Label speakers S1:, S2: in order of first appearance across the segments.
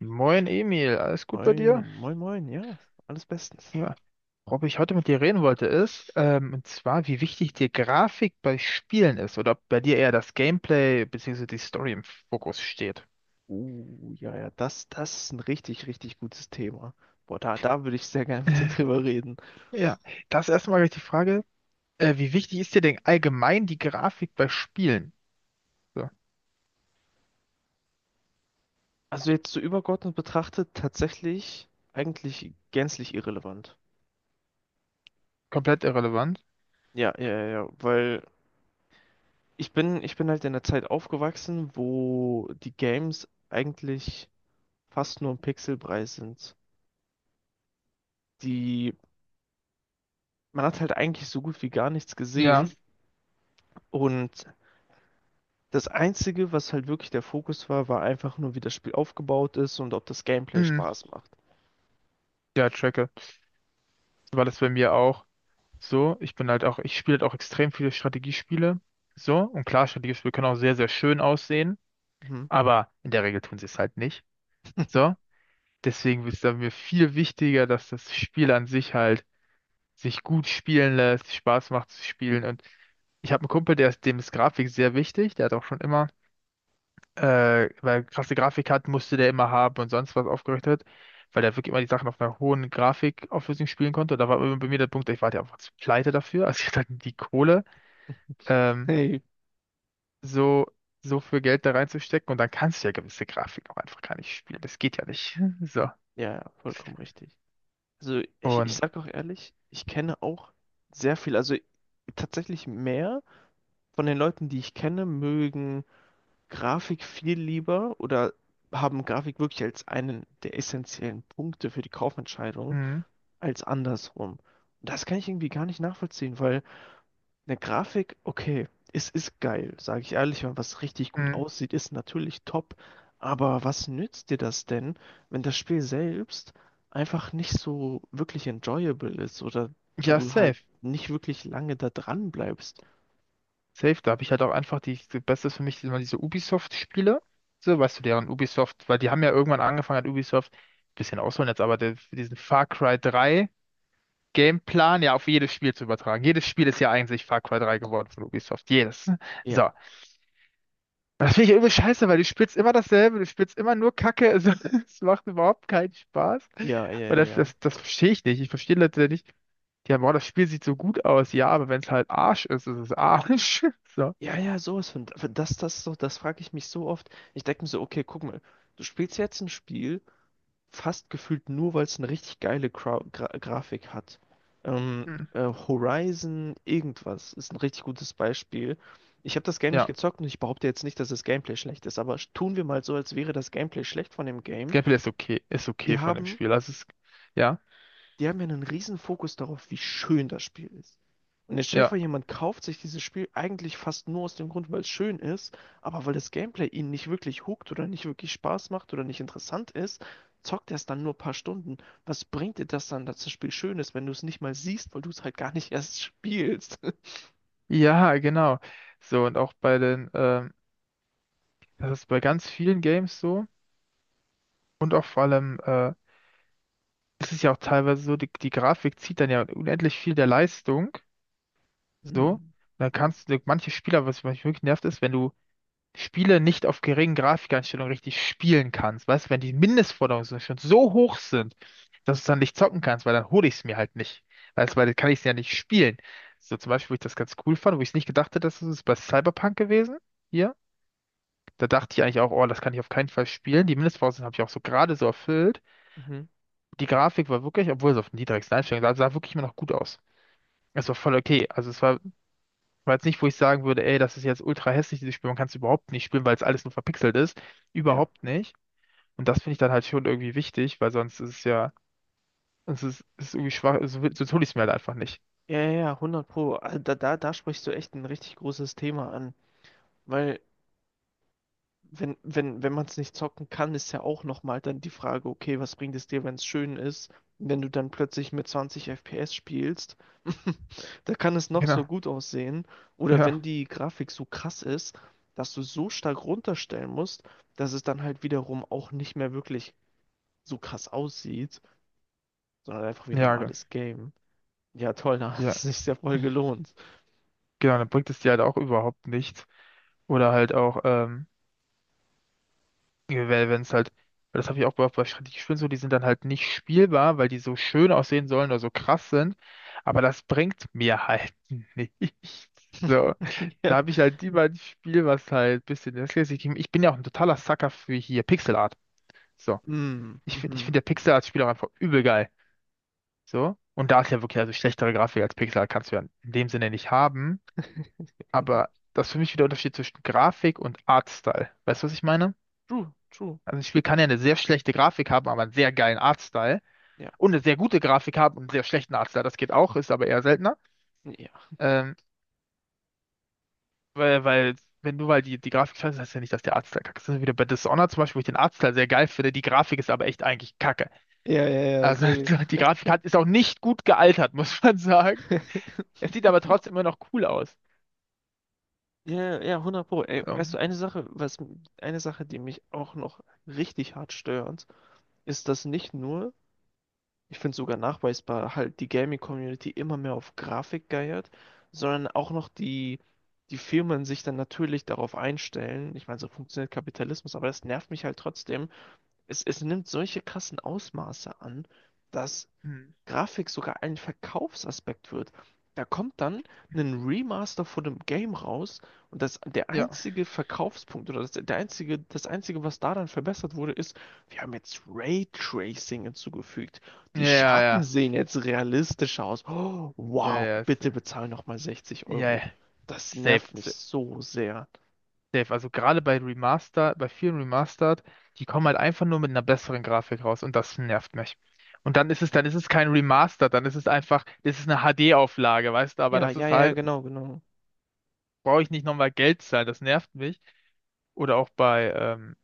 S1: Moin Emil, alles gut bei
S2: Moin,
S1: dir?
S2: moin, moin, ja, alles bestens.
S1: Ja, worüber ich heute mit dir reden wollte ist, und zwar, wie wichtig dir Grafik bei Spielen ist oder ob bei dir eher das Gameplay bzw. die Story im Fokus steht.
S2: Das ist ein richtig gutes Thema. Da würde ich sehr gerne mit dir
S1: Äh,
S2: drüber reden.
S1: Ja, das erstmal gleich die Frage, wie wichtig ist dir denn allgemein die Grafik bei Spielen? So,
S2: Also jetzt so übergeordnet betrachtet, tatsächlich eigentlich gänzlich irrelevant.
S1: komplett irrelevant.
S2: Ja, weil ich bin halt in der Zeit aufgewachsen, wo die Games eigentlich fast nur ein Pixelbrei sind. Die, man hat halt eigentlich so gut wie gar nichts
S1: Ja.
S2: gesehen. Und das Einzige, was halt wirklich der Fokus war, war einfach nur, wie das Spiel aufgebaut ist und ob das Gameplay
S1: Mhm.
S2: Spaß macht.
S1: Ja, tracke. So war das bei mir auch so. Ich bin halt auch, ich spiele halt auch extrem viele Strategiespiele. So, und klar, Strategiespiele können auch sehr, sehr schön aussehen.
S2: Mhm.
S1: Aber in der Regel tun sie es halt nicht. So, deswegen ist es mir viel wichtiger, dass das Spiel an sich halt sich gut spielen lässt, Spaß macht zu spielen. Und ich habe einen Kumpel, der ist, dem ist Grafik sehr wichtig. Der hat auch schon immer, äh, weil er krasse Grafik hat, musste der immer haben und sonst was aufgerichtet, weil der wirklich immer die Sachen auf einer hohen Grafikauflösung spielen konnte. Und da war immer bei mir der Punkt, ich war ja einfach zu pleite dafür. Also ich hatte halt die Kohle, ähm,
S2: Hey,
S1: so, so viel Geld da reinzustecken. Und dann kannst du ja gewisse Grafik auch einfach gar nicht spielen. Das geht ja nicht. So.
S2: ja, ja, vollkommen richtig. Also ich
S1: Und
S2: sag auch ehrlich, ich kenne auch sehr viel, also tatsächlich mehr von den Leuten, die ich kenne, mögen Grafik viel lieber oder haben Grafik wirklich als einen der essentiellen Punkte für die Kaufentscheidung
S1: mhm,
S2: als andersrum. Und das kann ich irgendwie gar nicht nachvollziehen, weil eine Grafik, okay, es ist geil, sage ich ehrlich, wenn was richtig gut
S1: mhm.
S2: aussieht, ist natürlich top. Aber was nützt dir das denn, wenn das Spiel selbst einfach nicht so wirklich enjoyable ist oder
S1: Ja,
S2: du halt
S1: safe.
S2: nicht wirklich lange da dran bleibst?
S1: Safe, da habe ich halt auch einfach die Beste ist für mich immer diese Ubisoft-Spiele. So, weißt du, deren Ubisoft, weil die haben ja irgendwann angefangen hat, Ubisoft, bisschen ausholen jetzt, aber der, diesen Far Cry 3 Gameplan ja auf jedes Spiel zu übertragen. Jedes Spiel ist ja eigentlich Far Cry 3 geworden von Ubisoft. Jedes.
S2: Ja,
S1: So. Das finde ich ja übel scheiße, weil du spielst immer dasselbe, du spielst immer nur Kacke. Also, es macht überhaupt keinen Spaß.
S2: ja,
S1: Und
S2: ja,
S1: das,
S2: ja.
S1: das, das verstehe ich nicht. Ich verstehe Leute nicht. Ja, boah, das Spiel sieht so gut aus, ja, aber wenn es halt Arsch ist, ist es Arsch. So.
S2: Ja, ja, ja, sowas von. Das frage ich mich so oft. Ich denke mir so, okay, guck mal, du spielst jetzt ein Spiel, fast gefühlt nur, weil es eine richtig geile Grau Gra Grafik hat.
S1: Hm.
S2: Horizon irgendwas ist ein richtig gutes Beispiel. Ich habe das Game nicht
S1: Ja,
S2: gezockt und ich behaupte jetzt nicht, dass das Gameplay schlecht ist, aber tun wir mal so, als wäre das Gameplay schlecht von dem Game.
S1: Gameplay ist
S2: Die
S1: okay von dem
S2: haben
S1: Spiel. Also es, ja,
S2: die haben ja einen riesen Fokus darauf, wie schön das Spiel ist. Und jetzt stell dir
S1: ja,
S2: vor, jemand kauft sich dieses Spiel eigentlich fast nur aus dem Grund, weil es schön ist, aber weil das Gameplay ihn nicht wirklich hookt oder nicht wirklich Spaß macht oder nicht interessant ist, zockt er es dann nur ein paar Stunden. Was bringt dir das dann, dass das Spiel schön ist, wenn du es nicht mal siehst, weil du es halt gar nicht erst spielst?
S1: ja, genau. So, und auch bei den, das ist bei ganz vielen Games so. Und auch vor allem, es ist ja auch teilweise so, die Grafik zieht dann ja unendlich viel der Leistung. So. Und
S2: Mhm.
S1: dann
S2: Mhm.
S1: kannst du, manche Spieler, was mich wirklich nervt, ist, wenn du Spiele nicht auf geringen Grafikeinstellungen richtig spielen kannst. Weißt du, wenn die Mindestforderungen schon so hoch sind, dass du es dann nicht zocken kannst, weil dann hole ich es mir halt nicht. Weißt du, weil dann kann ich es ja nicht spielen. So zum Beispiel, wo ich das ganz cool fand, wo ich es nicht gedacht hätte, dass es ist bei Cyberpunk gewesen. Hier. Da dachte ich eigentlich auch, oh, das kann ich auf keinen Fall spielen. Die Mindestvoraussetzungen habe ich auch so gerade so erfüllt.
S2: Mhm.
S1: Die Grafik war wirklich, obwohl es auf den niedrigsten Einstellungen sah wirklich immer noch gut aus. Es war voll okay. Also es war, war jetzt nicht, wo ich sagen würde, ey, das ist jetzt ultra hässlich, dieses Spiel. Man kann es überhaupt nicht spielen, weil es alles nur verpixelt ist.
S2: Ja.
S1: Überhaupt nicht. Und das finde ich dann halt schon irgendwie wichtig, weil sonst ist es ja, sonst ist es ist irgendwie schwach, so, so tue ich es mir halt einfach nicht.
S2: Ja, ja, ja, 100 Pro. Also da sprichst du echt ein richtig großes Thema an. Weil wenn man es nicht zocken kann, ist ja auch nochmal dann die Frage, okay, was bringt es dir, wenn es schön ist? Wenn du dann plötzlich mit 20 FPS spielst, da kann es noch so
S1: Genau.
S2: gut aussehen. Oder wenn
S1: Ja.
S2: die Grafik so krass ist, dass du so stark runterstellen musst, dass es dann halt wiederum auch nicht mehr wirklich so krass aussieht, sondern halt einfach wie ein
S1: Ja,
S2: normales Game. Ja, toll, da hat
S1: ja.
S2: es sich sehr voll gelohnt.
S1: Genau, dann bringt es dir halt auch überhaupt nichts. Oder halt auch, wenn es halt, weil das habe ich auch bei, bei Strategiespielen so, die sind dann halt nicht spielbar, weil die so schön aussehen sollen oder so krass sind. Aber das bringt mir halt nichts. So.
S2: Ja.
S1: Da habe ich halt lieber ein Spiel, was halt ein bisschen das Gleiche gibt. Ich bin ja auch ein totaler Sucker für hier Pixel Art. So. Ich finde
S2: Mhm,
S1: der Pixar
S2: mhm.
S1: als Spiel auch einfach übel geil. So. Und da ist ja wirklich, also schlechtere Grafik als Pixar kannst du ja in dem Sinne nicht haben. Aber das ist für mich wieder der Unterschied zwischen Grafik und Artstyle. Weißt du, was ich meine?
S2: True, true.
S1: Also ein Spiel kann ja eine sehr schlechte Grafik haben, aber einen sehr geilen Artstyle.
S2: Ja,
S1: Und eine sehr gute Grafik haben und einen sehr schlechten Artstyle. Das geht auch, ist aber eher seltener.
S2: ja.
S1: Ähm, weil, weil, wenn du weil die Grafik scheiße, ist, heißt ja nicht, dass der Artstyle kacke ist. Das ist wieder bei Dishonored zum Beispiel, wo ich den Artstyle sehr geil finde. Die Grafik ist aber echt eigentlich kacke.
S2: Ja, ja, ja,
S1: Also
S2: safe.
S1: die Grafik hat, ist auch nicht gut gealtert, muss man sagen. Es sieht aber trotzdem immer noch cool aus.
S2: Ja, ja, 100 Pro. Ey,
S1: Also,
S2: weißt du, eine Sache, die mich auch noch richtig hart stört, ist, dass nicht nur, ich finde sogar nachweisbar, halt die Gaming-Community immer mehr auf Grafik geiert, sondern auch noch die Firmen sich dann natürlich darauf einstellen. Ich meine, so funktioniert Kapitalismus, aber das nervt mich halt trotzdem. Es nimmt solche krassen Ausmaße an, dass
S1: hm,
S2: Grafik sogar ein Verkaufsaspekt wird. Da kommt dann ein Remaster von dem Game raus und das, der
S1: ja.
S2: einzige Verkaufspunkt oder das, der einzige, das einzige, was da dann verbessert wurde, ist, wir haben jetzt Raytracing hinzugefügt.
S1: Ja,
S2: Die
S1: ja,
S2: Schatten
S1: ja.
S2: sehen jetzt realistischer aus. Oh,
S1: Ja,
S2: wow,
S1: ja. ist-
S2: bitte bezahl nochmal 60
S1: Ja,
S2: Euro.
S1: ja.
S2: Das nervt
S1: Safe,
S2: mich so sehr.
S1: safe. Also gerade bei Remaster, bei vielen Remastered, die kommen halt einfach nur mit einer besseren Grafik raus und das nervt mich. Und
S2: Ja,
S1: dann ist es kein Remaster, dann ist es einfach, das ist eine HD-Auflage, weißt du, aber
S2: ja,
S1: das
S2: ja,
S1: ist
S2: ja,
S1: halt,
S2: genau, genau.
S1: brauche ich nicht nochmal Geld zahlen, das nervt mich. Oder auch bei,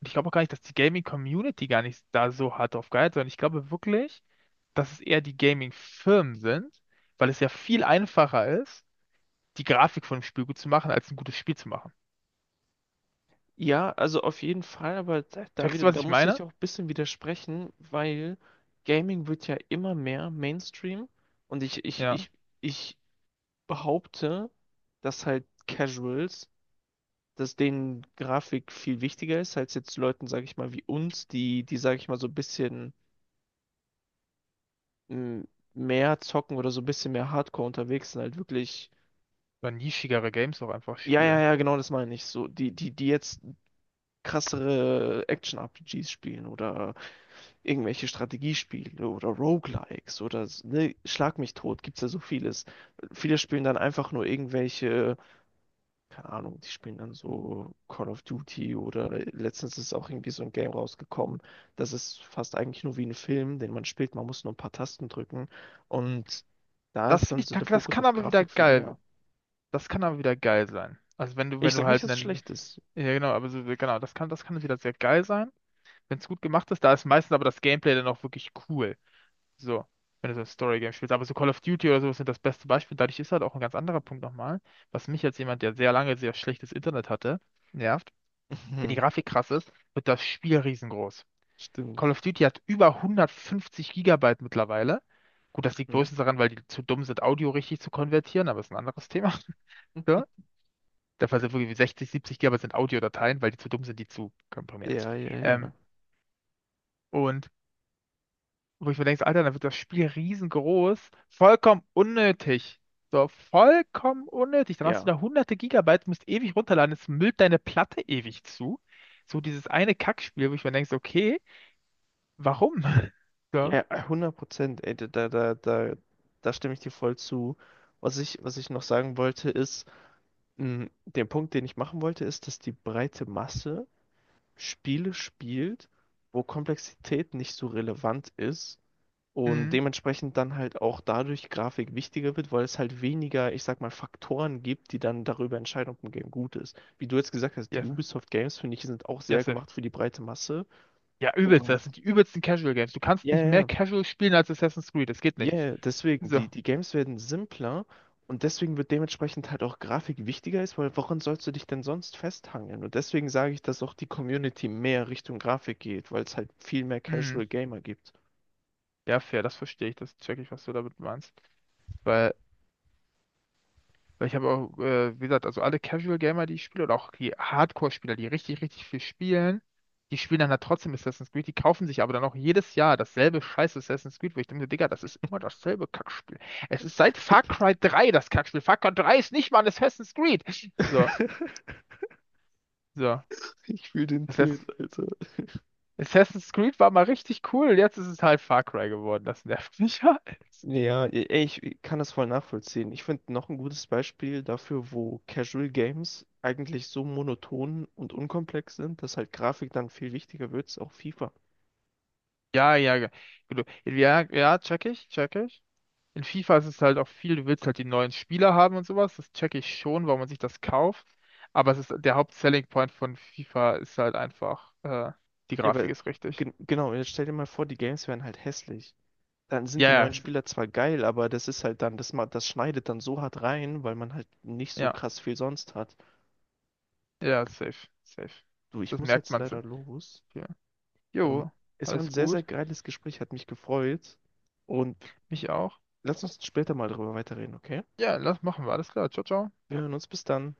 S1: und ich glaube auch gar nicht, dass die Gaming-Community gar nicht da so hart drauf geiert, sondern ich glaube wirklich, dass es eher die Gaming-Firmen sind, weil es ja viel einfacher ist, die Grafik von einem Spiel gut zu machen, als ein gutes Spiel zu machen.
S2: Ja, also auf jeden Fall, aber da
S1: Checkst
S2: wieder,
S1: du, was
S2: da
S1: ich
S2: muss ich
S1: meine?
S2: auch ein bisschen widersprechen, weil Gaming wird ja immer mehr Mainstream und ich, ich,
S1: Ja.
S2: ich, ich behaupte, dass halt Casuals, dass denen Grafik viel wichtiger ist, als jetzt Leuten, sage ich mal, wie uns, sage ich mal, so ein bisschen m, mehr zocken oder so ein bisschen mehr Hardcore unterwegs sind, halt wirklich.
S1: Oder nischigere Games auch einfach
S2: Ja, ja,
S1: spielen.
S2: ja, genau das meine ich. So, die jetzt krassere Action-RPGs spielen oder irgendwelche Strategiespiele oder Roguelikes oder ne, Schlag mich tot, gibt's ja so vieles. Viele spielen dann einfach nur irgendwelche, keine Ahnung, die spielen dann so Call of Duty oder letztens ist auch irgendwie so ein Game rausgekommen. Das ist fast eigentlich nur wie ein Film, den man spielt, man muss nur ein paar Tasten drücken und da
S1: Das
S2: ist
S1: finde
S2: dann
S1: ich,
S2: so der
S1: das
S2: Fokus
S1: kann
S2: auf
S1: aber wieder
S2: Grafik viel
S1: geil.
S2: mehr.
S1: Das kann aber wieder geil sein. Also wenn du, wenn
S2: Ich
S1: du
S2: sag nicht,
S1: halt
S2: dass es
S1: einen,
S2: schlecht ist.
S1: ja genau, aber so, genau, das kann wieder sehr geil sein, wenn es gut gemacht ist. Da ist meistens aber das Gameplay dann auch wirklich cool. So, wenn du so ein Story-Game spielst. Aber so Call of Duty oder sowas sind das beste Beispiel. Dadurch ist halt auch ein ganz anderer Punkt nochmal, was mich als jemand, der sehr lange sehr schlechtes Internet hatte, nervt. Wenn die Grafik krass ist, wird das Spiel riesengroß.
S2: Stimmt.
S1: Call of Duty hat über 150 Gigabyte mittlerweile. Gut, das liegt
S2: Hm.
S1: größtenteils daran, weil die zu dumm sind, Audio richtig zu konvertieren, aber ist ein anderes Thema. So. Der Fall sind wirklich 60, 70 Gigabyte sind Audiodateien, weil die zu dumm sind, die zu komprimieren.
S2: Ja, ja, ja.
S1: Ähm, und wo ich mir denke, so, Alter, dann wird das Spiel riesengroß, vollkommen unnötig. So, vollkommen unnötig. Dann hast du
S2: Ja.
S1: da hunderte Gigabyte, musst ewig runterladen, es müllt deine Platte ewig zu. So dieses eine Kackspiel, wo ich mir denke, so, okay, warum? So,
S2: Ja, 100%, ey, da stimme ich dir voll zu. Was ich noch sagen wollte, ist, den Punkt, den ich machen wollte, ist, dass die breite Masse Spiele spielt, wo Komplexität nicht so relevant ist und
S1: mhm,
S2: dementsprechend dann halt auch dadurch Grafik wichtiger wird, weil es halt weniger, ich sag mal, Faktoren gibt, die dann darüber entscheiden, ob ein Game gut ist. Wie du jetzt gesagt hast, die
S1: yes,
S2: Ubisoft Games, finde ich, sind auch
S1: yes.
S2: sehr
S1: Sir.
S2: gemacht für die breite Masse.
S1: Ja, übelst,
S2: Und
S1: das sind die übelsten Casual Games. Du kannst
S2: ja,
S1: nicht mehr
S2: ja,
S1: Casual spielen als Assassin's Creed, das geht
S2: Ja,
S1: nicht.
S2: yeah, deswegen,
S1: So,
S2: die, die Games werden simpler und deswegen wird dementsprechend halt auch Grafik wichtiger ist, weil woran sollst du dich denn sonst festhangeln? Und deswegen sage ich, dass auch die Community mehr Richtung Grafik geht, weil es halt viel mehr
S1: mhm.
S2: Casual Gamer gibt.
S1: Ja, fair, das verstehe ich, das check ich, was du damit meinst. Weil Weil ich habe auch, wie gesagt, also alle Casual Gamer, die ich spiele, oder auch die Hardcore-Spieler, die richtig, richtig viel spielen, die spielen dann halt trotzdem Assassin's Creed, die kaufen sich aber dann auch jedes Jahr dasselbe scheiß Assassin's Creed, wo ich denke, so, Digga, das ist immer dasselbe Kackspiel. Es ist seit Far Cry 3 das Kackspiel. Far Cry 3 ist nicht mal ein Assassin's Creed. So, so.
S2: Ich fühle den Tilt,
S1: Assassin's,
S2: Alter.
S1: Assassin's Creed war mal richtig cool, jetzt ist es halt Far Cry geworden. Das nervt mich halt.
S2: Ja, ey, ich kann das voll nachvollziehen. Ich finde noch ein gutes Beispiel dafür, wo Casual Games eigentlich so monoton und unkomplex sind, dass halt Grafik dann viel wichtiger wird, ist auch FIFA.
S1: Ja, ja, gut. Ja, ja, check ich, check ich. In FIFA ist es halt auch viel, du willst halt die neuen Spieler haben und sowas, das checke ich schon, warum man sich das kauft. Aber es ist der Haupt-Selling Point von FIFA ist halt einfach, die
S2: Ja,
S1: Grafik
S2: aber
S1: ist richtig.
S2: genau, jetzt stell dir mal vor, die Games wären halt hässlich. Dann sind
S1: Ja,
S2: die
S1: ja,
S2: neuen Spieler zwar geil, aber das ist halt dann, das schneidet dann so hart rein, weil man halt nicht so
S1: ja,
S2: krass viel sonst hat.
S1: ja, safe, safe.
S2: Du, ich
S1: Das
S2: muss
S1: merkt
S2: jetzt
S1: man so.
S2: leider los.
S1: Ja.
S2: Ähm,
S1: Jo,
S2: es war ein
S1: alles
S2: sehr
S1: gut.
S2: geiles Gespräch, hat mich gefreut. Und
S1: Mich auch.
S2: lass uns später mal darüber weiterreden, okay?
S1: Ja, lass machen wir. Alles klar. Ciao, ciao.
S2: Wir hören uns bis dann.